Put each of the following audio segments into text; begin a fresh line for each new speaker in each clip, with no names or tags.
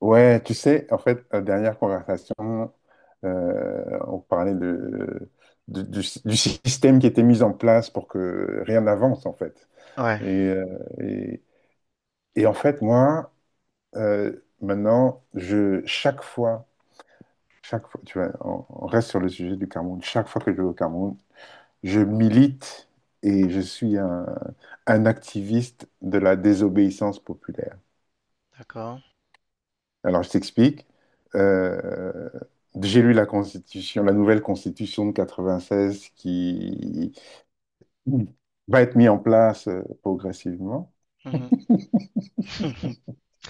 Ouais, tu sais, en fait, dernière conversation. On parlait du système qui était mis en place pour que rien n'avance, en fait.
Ouais,
Et, euh, et, et en fait, moi, maintenant, chaque fois, tu vois, on reste sur le sujet du Cameroun, chaque fois que je vais au Cameroun, je milite et je suis un activiste de la désobéissance populaire.
d'accord.
Alors, je t'explique. Euh, j'ai lu la constitution, la nouvelle constitution de 96 qui va être mise en place progressivement.
Mhm.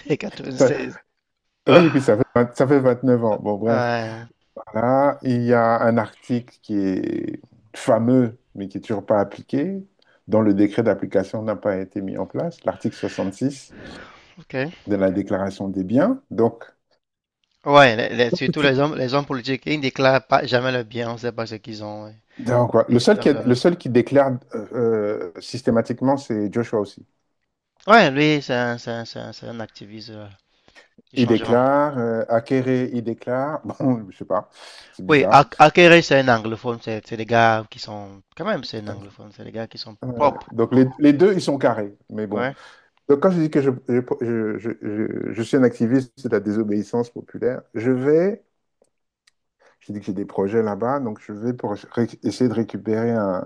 Ça-
96.
oui, et puis ça fait 29 ans. Bon, bref.
Ouais,
Voilà. Il y a un article qui est fameux, mais qui n'est toujours pas appliqué, dont le décret d'application n'a pas été mis en place, l'article 66
ok.
de la déclaration des biens. Donc,
Ouais, surtout les hommes politiques, ils ne déclarent pas jamais le bien, on ne sait pas ce qu'ils ont. Ouais,
donc, ouais. Le
et
seul
blablabla.
le seul qui déclare systématiquement, c'est Joshua.
Ouais, lui, c'est un activiste du
Il
changement.
déclare, Akéré, il déclare. Bon, je sais pas, c'est
Oui,
bizarre.
Akere, c'est un anglophone, c'est des gars qui sont. Quand même, c'est un anglophone, c'est des gars qui sont.
Euh, donc les deux, ils sont carrés, mais bon.
Ouais,
Donc quand je dis que je suis un activiste de la désobéissance populaire, je vais, je dis que j'ai des projets là-bas, donc je vais pour essayer de récupérer un,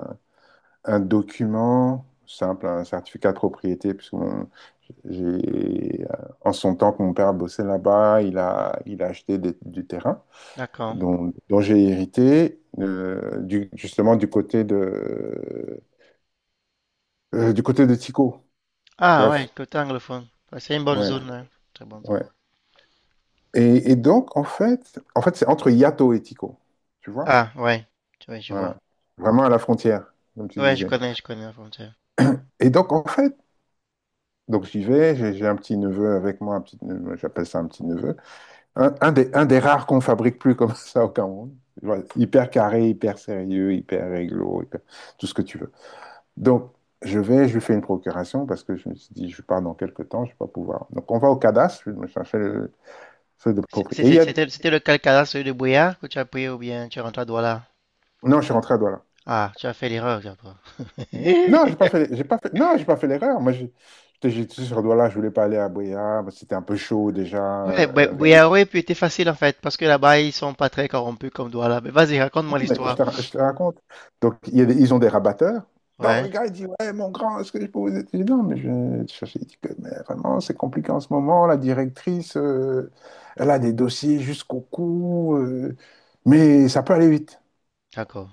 un document simple, un certificat de propriété, puisque j'ai, en son temps que mon père bossait là-bas, il
ouais,
a, il a acheté du terrain
d'accord.
dont j'ai hérité, justement du côté de Tico.
Ah, ouais,
Bref,
côté anglophone. Ouais, c'est une bonne
ouais,
zone, hein. Très bonne zone.
ouais. Et donc, en fait, c'est entre Yato et Tico, tu vois?
Ah, ouais, tu vois, je vois.
Voilà, vraiment à la frontière, comme tu
Ouais,
disais.
je connais la frontière.
Et donc, en fait, donc j'y vais, j'ai un petit neveu avec moi, un petit neveu, j'appelle ça un petit neveu. Un des rares qu'on fabrique plus comme ça au Cameroun. Voilà. Hyper carré, hyper sérieux, hyper réglo, tout ce que tu veux. Donc, je vais, je lui fais une procuration parce que je me suis dit, je pars dans quelques temps, je ne vais pas pouvoir. Donc, on va au cadastre, je me cherchais le truc de
C'est-
propriété. Et il
c'est-
y a.
C'était c'était le Calcada, celui de Boyard, que tu as pris ou bien tu es rentré à Douala?
Non, je suis rentré à Douala.
Ah, tu as fait l'erreur, j'ai pas.
Non, j'ai pas fait, j'ai pas fait, non, j'ai pas fait l'erreur. Moi, j'étais sur Douala, je voulais pas aller à Boya, c'était un peu chaud déjà,
Ouais,
avec.
Boyard aurait pu être facile en fait, parce que là-bas ils sont pas très corrompus comme Douala. Mais vas-y, raconte-moi
Mais je
l'histoire.
te, ra- je te raconte. Donc, il y a ils ont des rabatteurs. Non, le
Ouais,
gars, il dit, ouais, mon grand, est-ce que je peux vous aider? Je dis, non, mais je vais te chercher. Il dit que, mais vraiment, c'est compliqué en ce moment. La directrice, elle a des dossiers jusqu'au cou, mais ça peut aller vite.
d'accord.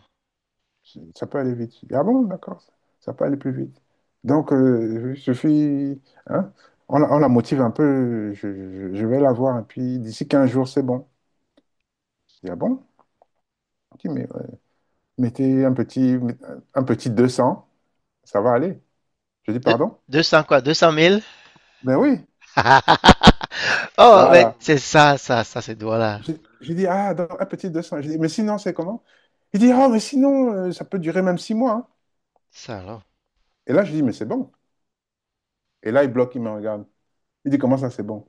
Ça peut aller vite. Je dis, ah bon, d'accord, ça peut aller plus vite. Donc, il suffit, hein, on la motive un peu, je vais la voir, et puis d'ici 15 jours, c'est bon. Je dis, ah bon? Il dit, mais ouais, mettez un petit 200. Ça va aller. Je dis,
De-
pardon?
Deux- 200 quoi? 200 000.
Ben oui,
Oh, mais
voilà.
c'est ça, ça, ça, c'est Douala.
J'ai j'ai dit, ah, dans un petit 200. J'ai dit, mais sinon, c'est comment? Il dit, ah, mais sinon, ça peut durer même 6 mois, hein.
Ça alors,
Et là, je dis, mais c'est bon. Et là, il bloque, il me regarde. Il dit, comment ça, c'est bon?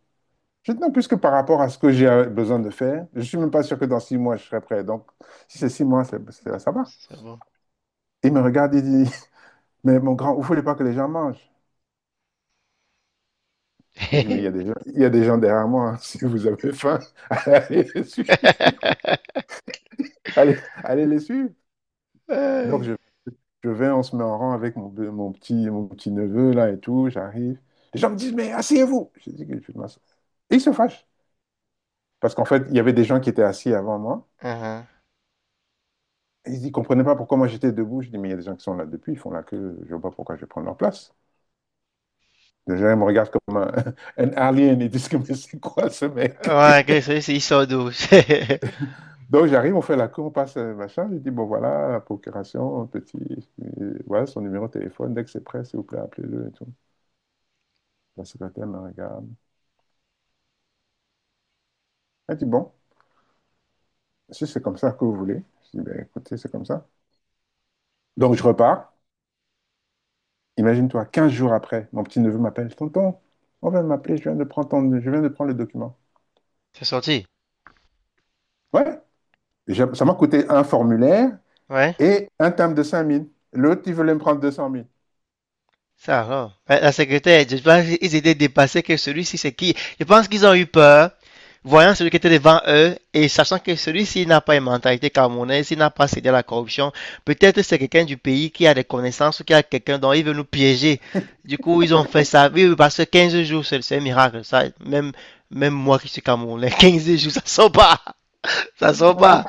Je dis, non, puisque par rapport à ce que j'ai besoin de faire, je suis même pas sûr que dans 6 mois, je serai prêt. Donc, si c'est 6 mois, ça va.
c'est bon.
Il me regarde, il dit, mais mon grand, vous voulez pas que les gens mangent? Je dis, mais il y a des gens, il y a des gens derrière moi, hein. Si vous avez faim, allez les suivre. Allez, allez les suivre. Donc,
Ouais,
je Je vais, on se met en rang avec mon petit neveu là et tout, j'arrive. Les gens me disent, mais asseyez-vous. Je dis que je vais m'asseoir. Et ils se fâchent. Parce qu'en fait, il y avait des gens qui étaient assis avant moi.
uh-huh.
Et ils ne comprenaient pas pourquoi moi j'étais debout. Je dis, mais il y a des gens qui sont là depuis, ils font la queue, je ne vois pas pourquoi je vais prendre leur place. Les gens ils me regardent comme un, un alien et disent, que, mais c'est quoi ce mec?
Ouais, ok, celui-ci il sort d'où?
Donc j'arrive, on fait la queue, on passe machin. Je dis, bon voilà, la procuration, petit, voilà son numéro de téléphone. Dès que c'est prêt, s'il vous plaît, appelez-le et tout. La secrétaire me regarde. Elle dit, bon, si c'est comme ça que vous voulez. Je dis, ben, écoutez, c'est comme ça. Donc je repars. Imagine-toi, 15 jours après, mon petit-neveu m'appelle, tonton, on vient de m'appeler, je viens de prendre le document.
C'est sorti?
Ouais, ça m'a coûté un formulaire
Ouais.
et un terme de 5 000. L'autre, il voulait me prendre 200 000.
Ça va. La secrétaire, je pense qu'ils étaient dépassés que celui-ci, c'est qui. Je pense qu'ils ont eu peur, voyant celui qui était devant eux et sachant que celui-ci n'a pas une mentalité camerounaise, il n'a pas cédé à la corruption. Peut-être c'est quelqu'un du pays qui a des connaissances ou qui a quelqu'un dont il veut nous piéger. Du coup, ils ont fait ça. Oui, oui, parce que 15 jours, c'est un miracle. Ça, même, même moi qui suis camerounais, 15 jours, ça sort pas. Ça sort pas.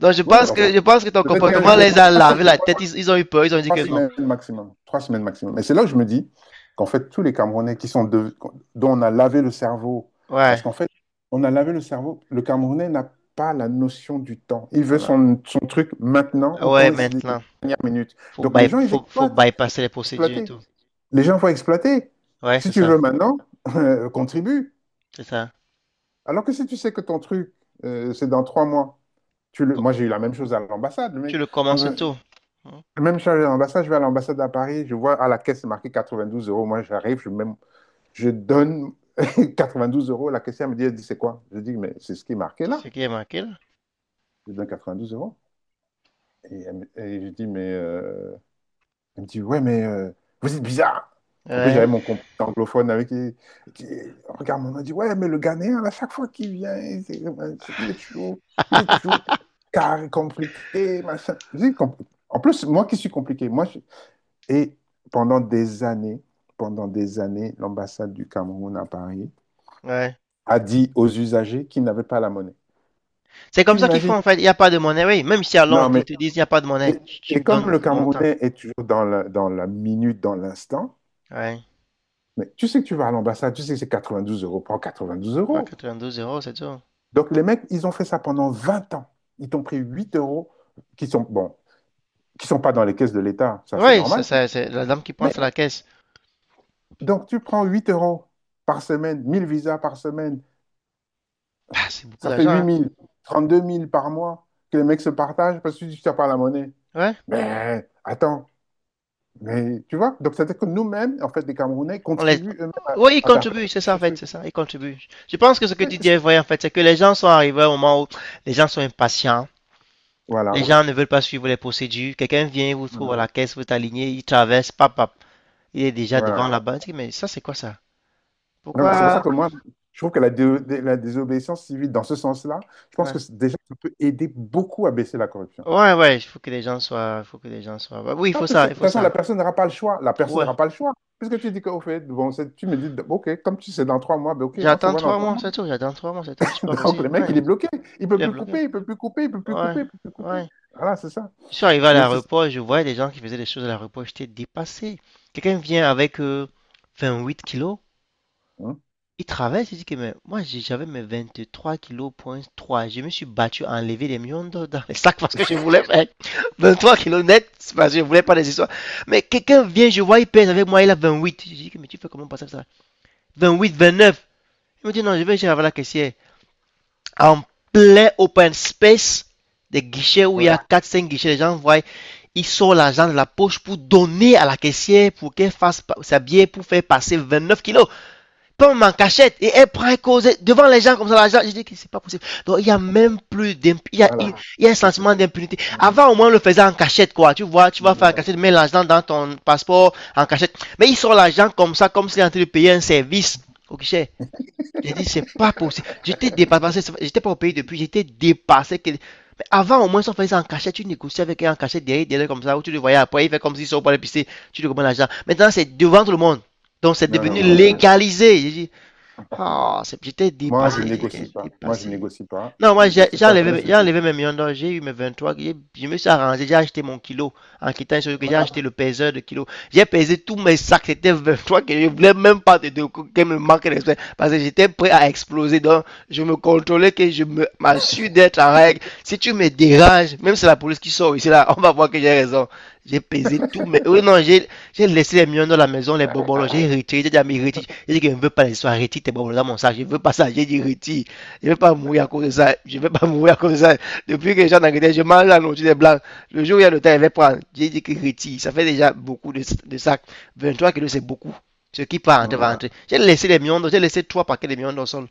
Donc, je
Ouais,
pense
alors,
que, je pense que ton
peut-être 15
comportement
jours,
les a
3,
lavé la tête. Ils ont eu peur. Ils ont dit
trois
que non.
semaines maximum. 3 semaines maximum. Et c'est là que je me dis qu'en fait, tous les Camerounais qui sont dont on a lavé le cerveau, parce
Ouais.
qu'en fait, on a lavé le cerveau, le Camerounais n'a pas la notion du temps. Il veut son truc maintenant ou
Ouais,
quand c'est les
maintenant.
dernières minutes.
Faut
Donc les
by-
gens, ils
faut, faut
exploitent.
bypasser les procédures et
Exploiter.
tout.
Les gens vont exploiter.
Ouais,
Si
c'est
tu
ça.
veux maintenant, contribue.
C'est ça.
Alors que si tu sais que ton truc, c'est dans 3 mois, tu le.
Co-
Moi j'ai eu la même chose à l'ambassade. Le
Tu
mec.
le commences
Euh,
tout. Hein,
Même si je suis à l'ambassade, je vais à l'ambassade à Paris, je vois à la caisse c'est marqué 92 euros. Moi, j'arrive, je donne 92 euros. La caissière me dit, elle dit, c'est quoi? Je dis, mais c'est ce qui est marqué
c'est ce
là.
qui est marqué là.
Je donne 92 euros. Et je dis, mais. Elle me dit, ouais, mais vous êtes bizarre. En plus, j'avais
Ouais.
mon compte anglophone avec qui. Elle dit, regarde, on a dit, ouais, mais le Ghanéen, à chaque fois qu'il vient, il est toujours carré, compliqué, machin. Je dis, en plus, moi qui suis compliqué, moi. Et pendant des années, pendant des années, l'ambassade du Cameroun à Paris
Ouais.
a dit aux usagers qu'ils n'avaient pas la monnaie.
C'est
Tu
comme ça qu'ils
imagines?
font en fait. Il n'y a pas de monnaie. Oui, même si à
Non,
Londres, ils
mais
te disent il n'y a pas de
et,
monnaie. Tu
et
me
comme
donnes
le
le montant.
Camerounais est toujours dans la, minute, dans l'instant,
Ouais. Tu
mais tu sais que tu vas à l'ambassade, tu sais que c'est 92 euros, prends 92
prends
euros.
92 euros, c'est tout.
Donc les mecs, ils ont fait ça pendant 20 ans. Ils t'ont pris 8 € qui sont, bon, qui sont pas dans les caisses de l'État, ça c'est
Oui, ça,
normal.
ça, c'est la dame qui prend
Mais
c'est la caisse.
donc tu prends 8 € par semaine, 1 000 visas par semaine.
Bah, c'est beaucoup
Ça fait
d'argent.
8
Hein.
000, 32 000 par mois que les mecs se partagent parce que tu ne pas la monnaie.
Ouais.
Mais attends, mais tu vois, donc c'est-à-dire que nous-mêmes, en fait, les Camerounais
On les...
contribuent eux-mêmes à,
Oui, ils
à perpétuer
contribuent, c'est ça
ce
en fait,
truc.
c'est ça, ils contribuent. Je pense que ce que
Mais
tu dis
c'est-
est vrai en fait, c'est que les gens sont arrivés au moment où les gens sont impatients. Les
voilà,
gens ne veulent pas suivre les procédures. Quelqu'un vient, vous trouve
voilà,
à la caisse, vous êtes aligné, il traverse, pap, pap. Il est déjà
voilà.
devant la banque. Mais ça, c'est quoi ça?
Donc, c'est pour ça
Pourquoi?
que moi, je trouve que la désobéissance civile, dans ce sens-là, je pense que
Ouais.
déjà, ça peut aider beaucoup à baisser la corruption.
Ouais, ouais, il faut que les gens soient, il faut que les gens soient. Ouais, oui, il
Ah,
faut
parce que,
ça,
de
il
toute
faut
façon, la
ça.
personne n'aura pas le choix. La personne
Ouais.
n'aura pas le choix. Puisque tu dis qu'au fait, bon, tu me dis, ok, comme tu sais, dans 3 mois, ben, ok, on se
J'attends
voit dans
trois
trois
mois,
mois.
c'est tout. J'attends 3 mois, c'est tout. Je suis pas
Donc,
pressé.
le mec,
Ouais.
il est bloqué. Il
Il
peut
est
plus
bloqué.
couper, il peut plus couper, il peut plus
Ouais.
couper, il peut plus couper.
Ouais.
Voilà, c'est ça.
Je suis arrivé à
Donc, c'est ça.
l'aéroport, je voyais des gens qui faisaient des choses à l'aéroport. J'étais dépassé. Quelqu'un vient avec 8 kilos.
Hein?
Il travaille, c'est-à-dire que mais j'avais mes 23,3 kilos. Je me suis battu à enlever les millions d'or dans les sacs parce que je voulais faire 3 kilos net c'est parce que je voulais pas des histoires. Mais quelqu'un vient, je vois, il pèse avec moi, il a 28. Je dis que mais tu fais comment passer ça? 28, 29. Il me dit non, je vais chez la caissière. En plein open space, des guichets où il y
Ouais,
a quatre cinq guichets, les gens voient, ils sortent l'argent de la poche pour donner à la caissière pour qu'elle fasse sa bière pour faire passer 29 kilos pomme en cachette et elle prend et cause devant les gens comme ça. Gens, je dis que c'est pas possible. Donc il y a même plus d'impunité.
voilà.
Y a un
C'est ça.
sentiment d'impunité.
Mm,
Avant au moins on le faisait en cachette quoi. Tu vois, tu
mm,
vas faire en
mm.
cachette, mets l'argent dans ton passeport en cachette. Mais ils sortent l'argent comme ça, comme s'il est en train de payer un service au guichet. J'ai dit c'est pas possible. J'étais dépassé. J'étais pas au pays depuis. Mais avant au moins si on faisait ça en cachette. Tu négociais avec elle en cachette derrière, derrière comme ça. Où tu le voyais après, il fait comme s'il sort pour l'épicerie. Tu lui commandes l'argent. Maintenant c'est devant tout le monde. Donc c'est
Non,
devenu
non, voilà.
légalisé.
Mm.
J'étais
Moi, je
dépassé,
négocie
j'étais
pas. Moi, je
dépassé.
négocie pas.
Non,
Je
moi,
négocie pas. Je laisse le
j'ai
temps.
enlevé mes millions d'or, j'ai eu mes 23, je me suis arrangé, j'ai acheté mon kilo. En quittant sur que j'ai
Voilà.
acheté le peseur de kilo. J'ai pesé tous mes sacs, c'était 23 que je voulais même pas te dire que me manque de respect. Parce que j'étais prêt à exploser, donc je me contrôlais que m'assure d'être en règle. Si tu me déranges, même si c'est la police qui sort ici, là, on va voir que j'ai raison. J'ai pesé tout, mais oui, non, j'ai laissé les miens dans la maison, les bonbons,
Ah.
j'ai retiré, j'ai dit à mes retire. J'ai dit que je ne veux pas les soins, retire tes bonbons dans mon sac, je ne veux pas ça, j'ai dit retire. Je ne veux pas mourir à cause de ça, je ne veux pas mourir à cause de ça. Depuis que les gens d'Angleterre, je mange la nourriture des blancs. Le jour où il y a le temps, je va prendre. J'ai dit que retire, ça fait déjà beaucoup de sacs. 3 kilos, c'est beaucoup. Ce qui part
Mm,
rentrer, va
mm.
rentrer. J'ai laissé trois paquets de mions dans le sol.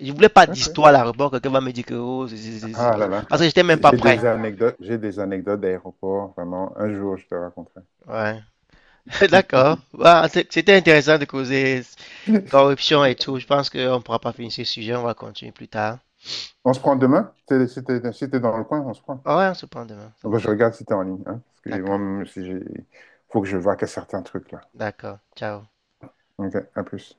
Je ne voulais pas
OK.
d'histoire là, rebord, quelqu'un va me dire que oh, c'est, c'est.
Ah là là.
Parce que j'étais même pas
J'ai
prêt.
des anecdotes. J'ai des anecdotes d'aéroport, vraiment. Un jour, je te raconterai.
Ouais. D'accord. Bah, c'était intéressant de causer corruption et tout. Je pense qu'on ne pourra pas finir ce sujet. On va continuer plus tard.
On se prend demain? Si t'es dans le coin, on se prend.
Ah ouais, on se prend demain. Ça
Ah bah, je
marche.
regarde si t'es en ligne. Hein, parce que
D'accord.
moi, si j'ai. Faut que je vois que certains trucs là.
D'accord. Ciao.
OK, à plus.